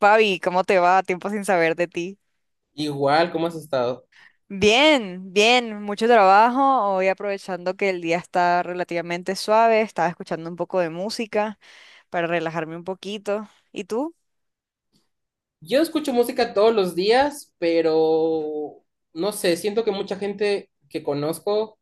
Fabi, ¿cómo te va? Tiempo sin saber de ti. Igual, ¿cómo has estado? Bien, bien, mucho trabajo. Hoy aprovechando que el día está relativamente suave, estaba escuchando un poco de música para relajarme un poquito. ¿Y tú? Yo escucho música todos los días, pero no sé, siento que mucha gente que conozco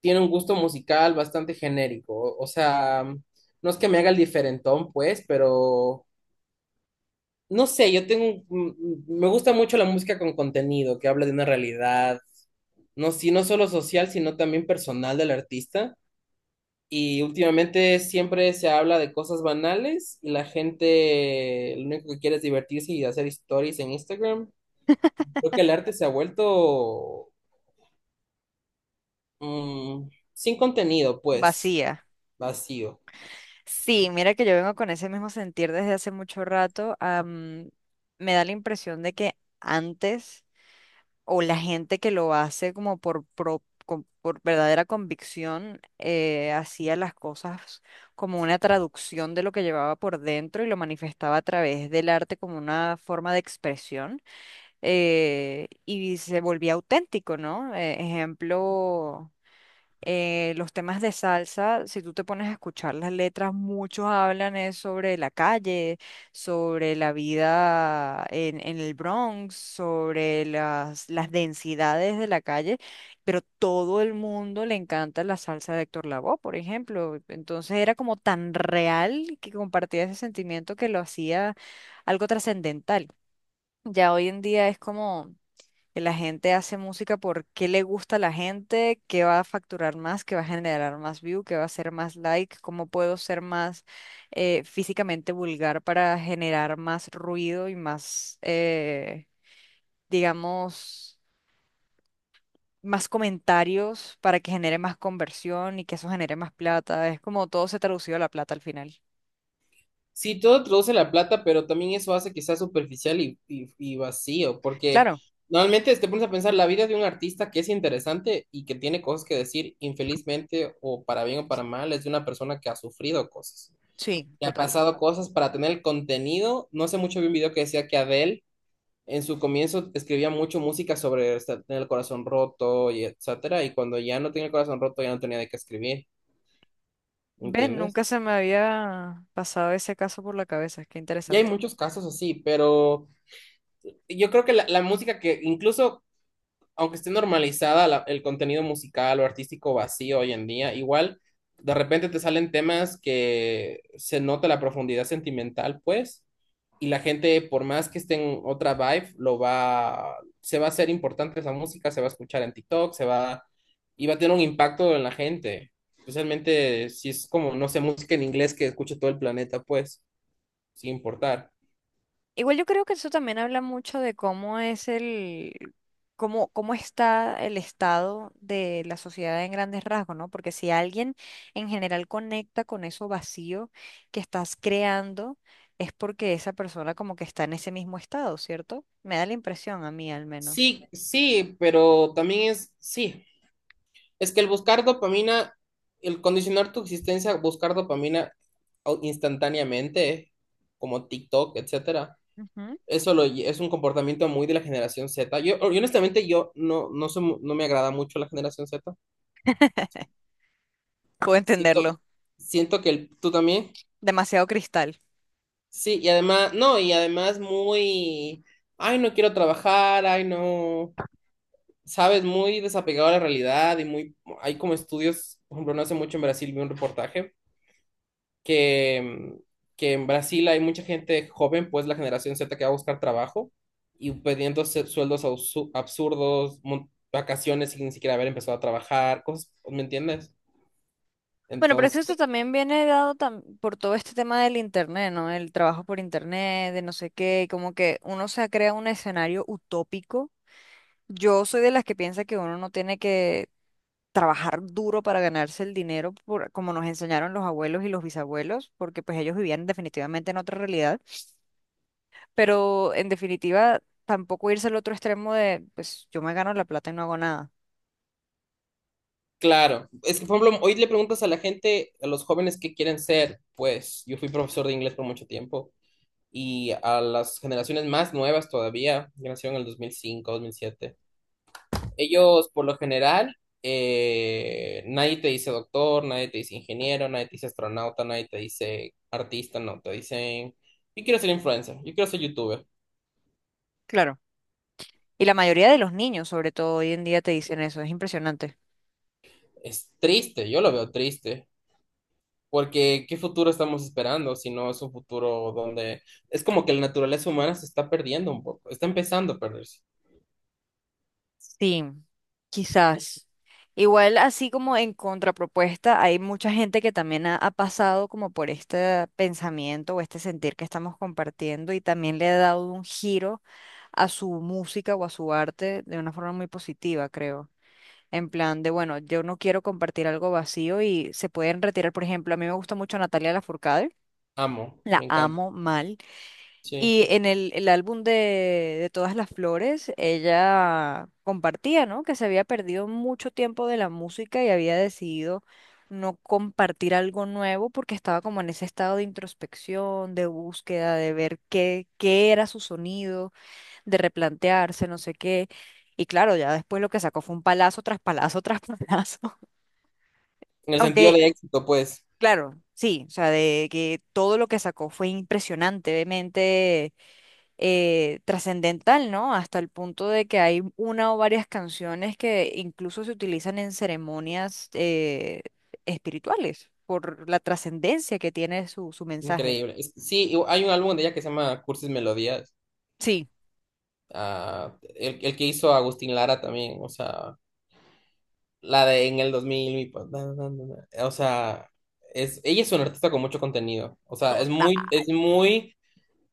tiene un gusto musical bastante genérico. O sea, no es que me haga el diferentón, pues, pero no sé, yo tengo, un- mm, me gusta mucho la música con contenido, que habla de una realidad, no, si no solo social, sino también personal del artista. Y últimamente siempre se habla de cosas banales y la gente lo único que quiere es divertirse y hacer stories en Instagram. Y creo que el arte se ha vuelto mm, sin contenido, pues, Vacía. vacío. Sí, mira que yo vengo con ese mismo sentir desde hace mucho rato. Me da la impresión de que antes o la gente que lo hace como por verdadera convicción, hacía las cosas como una traducción de lo que llevaba por dentro y lo manifestaba a través del arte como una forma de expresión y se volvía auténtico, ¿no? Ejemplo los temas de salsa, si tú te pones a escuchar las letras, muchos hablan es sobre la calle, sobre la vida en el Bronx, sobre las densidades de la calle, pero todo el mundo le encanta la salsa de Héctor Lavoe, por ejemplo. Entonces era como tan real que compartía ese sentimiento que lo hacía algo trascendental. Ya hoy en día es como que la gente hace música porque le gusta a la gente, qué va a facturar más, qué va a generar más view, qué va a ser más like, cómo puedo ser más físicamente vulgar para generar más ruido y más, digamos, más comentarios para que genere más conversión y que eso genere más plata. Es como todo se traducido a la plata al final. Sí, todo produce la plata, pero también eso hace que sea superficial y vacío, porque Claro, normalmente te pones a pensar la vida de un artista que es interesante y que tiene cosas que decir, infelizmente o para bien o para mal, es de una persona que ha sufrido cosas, sí, que ha total. pasado cosas para tener el contenido. No sé mucho, vi un video que decía que Adele en su comienzo escribía mucho música sobre o sea, tener el corazón roto y etcétera, y cuando ya no tenía el corazón roto ya no tenía de qué escribir, Ven, nunca ¿entiendes? se me había pasado ese caso por la cabeza, qué Y hay interesante. muchos casos así, pero yo creo que la música que incluso aunque esté normalizada el contenido musical o artístico vacío hoy en día, igual de repente te salen temas que se nota la profundidad sentimental, pues, y la gente, por más que esté en otra vibe, lo va, se va a hacer importante esa música, se va a escuchar en TikTok, se va, y va a tener un impacto en la gente. Especialmente si es como, no sé, música en inglés que escuche todo el planeta, pues, sin importar. Igual yo creo que eso también habla mucho de cómo es cómo está el estado de la sociedad en grandes rasgos, ¿no? Porque si alguien en general conecta con eso vacío que estás creando, es porque esa persona como que está en ese mismo estado, ¿cierto? Me da la impresión a mí al menos. Sí, sí, pero también es, sí, es que el buscar dopamina, el condicionar tu existencia a buscar dopamina instantáneamente, como TikTok, etcétera, Ujú. eso es un comportamiento muy de la generación Z. Yo honestamente, yo no, no, no me agrada mucho la generación Z. Puedo Siento, entenderlo. siento que tú también. Demasiado cristal. Sí, y además, no, y además muy, ay, no quiero trabajar, ay, no, sabes, muy desapegado a la realidad y muy, hay como estudios, por ejemplo, no hace mucho en Brasil vi un reportaje que, que en Brasil hay mucha gente joven, pues la generación Z que va a buscar trabajo y pidiendo sueldos absurdos, vacaciones sin ni siquiera haber empezado a trabajar, cosas, ¿me entiendes? Bueno, pero es que Entonces, esto también viene dado por todo este tema del internet, ¿no? El trabajo por internet, de no sé qué, y como que uno se crea un escenario utópico. Yo soy de las que piensa que uno no tiene que trabajar duro para ganarse el dinero, por, como nos enseñaron los abuelos y los bisabuelos, porque pues ellos vivían definitivamente en otra realidad, pero en definitiva tampoco irse al otro extremo de, pues yo me gano la plata y no hago nada. claro, es que por ejemplo, hoy le preguntas a la gente, a los jóvenes qué quieren ser, pues yo fui profesor de inglés por mucho tiempo y a las generaciones más nuevas todavía, que nacieron en el dos mil cinco 2007. Ellos, por lo general, nadie te dice doctor, nadie te dice ingeniero, nadie te dice astronauta, nadie te dice artista, no, te dicen, yo quiero ser influencer, yo quiero ser youtuber. Claro. Y la mayoría de los niños, sobre todo hoy en día, te dicen eso, es impresionante. Es triste, yo lo veo triste, porque ¿qué futuro estamos esperando si no es un futuro donde es como que la naturaleza humana se está perdiendo un poco, está empezando a perderse. Sí, quizás. Igual, así como en contrapropuesta, hay mucha gente que también ha pasado como por este pensamiento o este sentir que estamos compartiendo y también le ha dado un giro a su música o a su arte de una forma muy positiva, creo. En plan de, bueno, yo no quiero compartir algo vacío y se pueden retirar, por ejemplo, a mí me gusta mucho Natalia Lafourcade, Amo, la me encanta, amo mal. sí. Y en el álbum de Todas las Flores, ella compartía, ¿no? Que se había perdido mucho tiempo de la música y había decidido no compartir algo nuevo porque estaba como en ese estado de introspección, de búsqueda, de ver qué era su sonido, de replantearse, no sé qué. Y claro, ya después lo que sacó fue un palazo tras palazo tras palazo. En el sentido Aunque, de éxito, pues, claro, sí, o sea, de que todo lo que sacó fue impresionantemente trascendental, ¿no? Hasta el punto de que hay una o varias canciones que incluso se utilizan en ceremonias espirituales por la trascendencia que tiene su mensaje. increíble. Sí, y hay un álbum de ella que se llama Cursis Melodía, Sí, ah, el que hizo Agustín Lara también, o sea, la de en el 2000, mi na, na, na, na. O sea, ella es una artista con mucho contenido, o sea, es muy, es muy,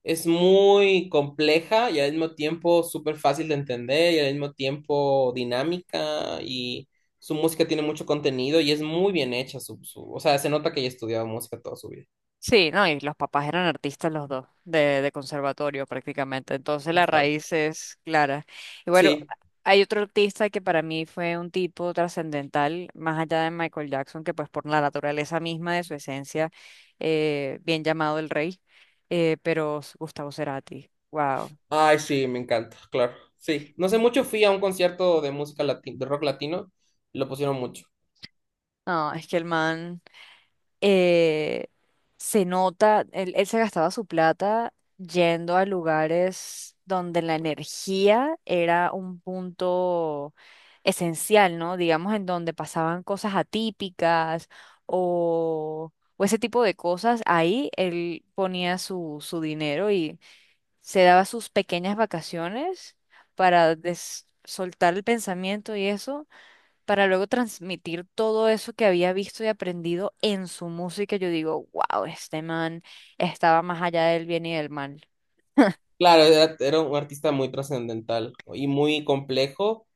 es muy compleja y al mismo tiempo súper fácil de entender y al mismo tiempo dinámica y su música tiene mucho contenido y es muy bien hecha, o sea, se nota que ella ha estudiado música toda su vida. sí, no, y los papás eran artistas los dos, de conservatorio prácticamente. Entonces la Exacto. raíz es clara. Y bueno Sí, hay otro artista que para mí fue un tipo trascendental, más allá de Michael Jackson, que pues por la naturaleza misma de su esencia, bien llamado el rey, pero Gustavo Cerati. Wow. ay, sí, me encanta, claro. Sí, no sé mucho, fui a un concierto de música latina, de rock latino, y lo pusieron mucho. No, es que el man. eh, Se nota, él se gastaba su plata yendo a lugares donde la energía era un punto esencial, ¿no? Digamos, en donde pasaban cosas atípicas o, o ese tipo de cosas. Ahí él ponía su dinero y se daba sus pequeñas vacaciones para soltar el pensamiento y eso para luego transmitir todo eso que había visto y aprendido en su música. Yo digo, wow, este man estaba más allá del bien y del mal. Claro, era un artista muy trascendental y muy complejo,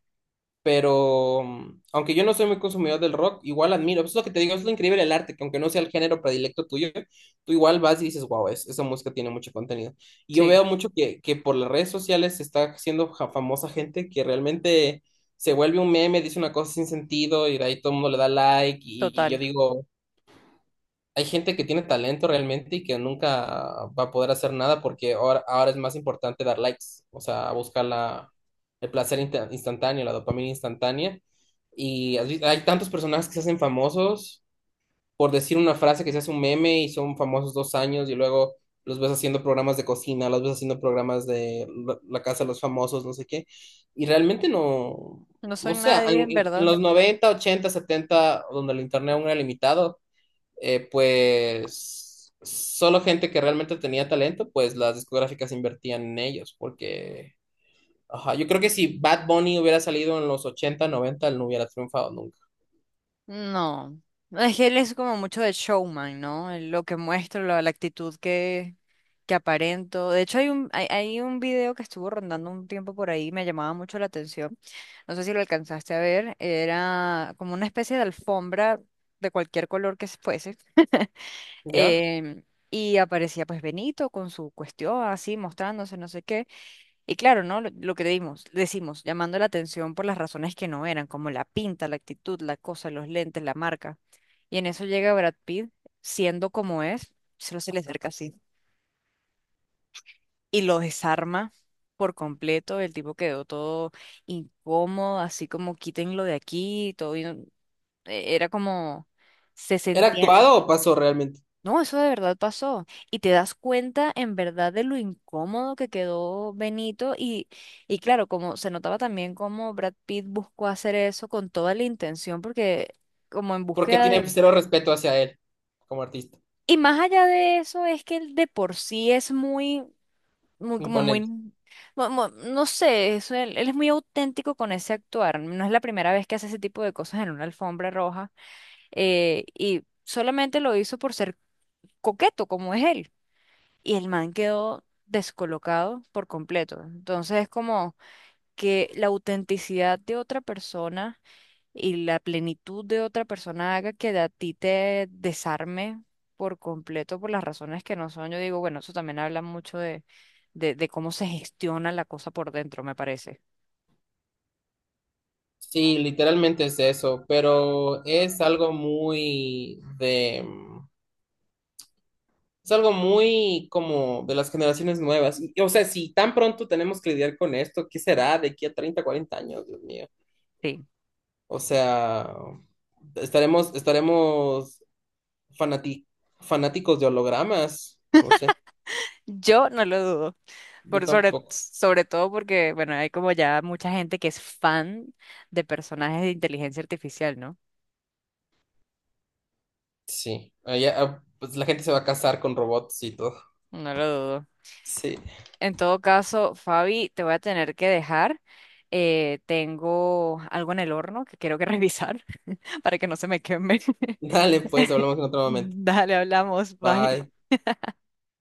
pero aunque yo no soy muy consumidor del rock, igual admiro. Eso es lo que te digo, es lo increíble del arte, que aunque no sea el género predilecto tuyo, tú igual vas y dices, wow, esa música tiene mucho contenido. Y yo Sí, veo mucho que por las redes sociales se está haciendo famosa gente que realmente se vuelve un meme, dice una cosa sin sentido y de ahí todo el mundo le da like y yo total. digo... hay gente que tiene talento realmente y que nunca va a poder hacer nada porque ahora, ahora es más importante dar likes, o sea, buscar el placer instantáneo, la dopamina instantánea. Y hay tantos personajes que se hacen famosos por decir una frase que se hace un meme y son famosos 2 años y luego los ves haciendo programas de cocina, los ves haciendo programas de la casa de los famosos, no sé qué. Y realmente no, No soy no sé, nadie, en, en en- en verdad. los 90 80 70 donde el internet aún era limitado pues solo gente que realmente tenía talento, pues las discográficas invertían en ellos, porque ajá, yo creo que si Bad Bunny hubiera salido en los 80 90 él no hubiera triunfado nunca, No, es que él es como mucho de showman, ¿no? Lo que muestro, la actitud que aparento. De hecho, hay un video que estuvo rondando un tiempo por ahí, me llamaba mucho la atención. No sé si lo alcanzaste a ver. Era como una especie de alfombra de cualquier color que fuese. ¿ya? em, y aparecía pues Benito con su cuestión así, mostrándose no sé qué. Y claro, ¿no? Lo que decimos, llamando la atención por las razones que no eran, como la pinta, la actitud, la cosa, los lentes, la marca. Y en eso llega Brad Pitt, siendo como es, solo se le acerca así y lo desarma por completo. El tipo quedó todo incómodo, así como quítenlo de aquí, todo. Era como, se ¿Era sentía. actuado o pasó realmente? No, eso de verdad pasó. Y te das cuenta en verdad de lo incómodo que quedó Benito. Y claro, como se notaba también cómo Brad Pitt buscó hacer eso con toda la intención, porque como en Porque búsqueda tiene de... cero respeto hacia él como artista, Y más allá de eso, es que él de por sí es muy, muy, como imponente. No sé, eso, él es muy auténtico con ese actuar. No es la primera vez que hace ese tipo de cosas en una alfombra roja. Y solamente lo hizo por ser coqueto, como es él. Y el man quedó descolocado por completo. Entonces es como que la autenticidad de otra persona y la plenitud de otra persona haga que a ti te desarme por completo por las razones que no son. Yo digo, bueno, eso también habla mucho de cómo se gestiona la cosa por dentro, me parece. Sí, literalmente es eso, pero es algo muy de. Es algo muy como de las generaciones nuevas. Y, o sea, si tan pronto tenemos que lidiar con esto, ¿qué será de aquí a 30 40 años, Dios mío? Sí. O sea, estaremos fanati- fanáticos de hologramas. No sé, Yo no lo dudo, yo por tampoco. sobre todo porque, bueno, hay como ya mucha gente que es fan de personajes de inteligencia artificial, ¿no? Sí, allá, ah, pues la gente se va a casar con robots y todo. No lo dudo. Sí. En todo caso, Fabi, te voy a tener que dejar. Tengo algo en el horno que quiero que revisar para que no se me queme. Dale, pues, hablamos en otro momento. Dale, hablamos. Bye. Bye.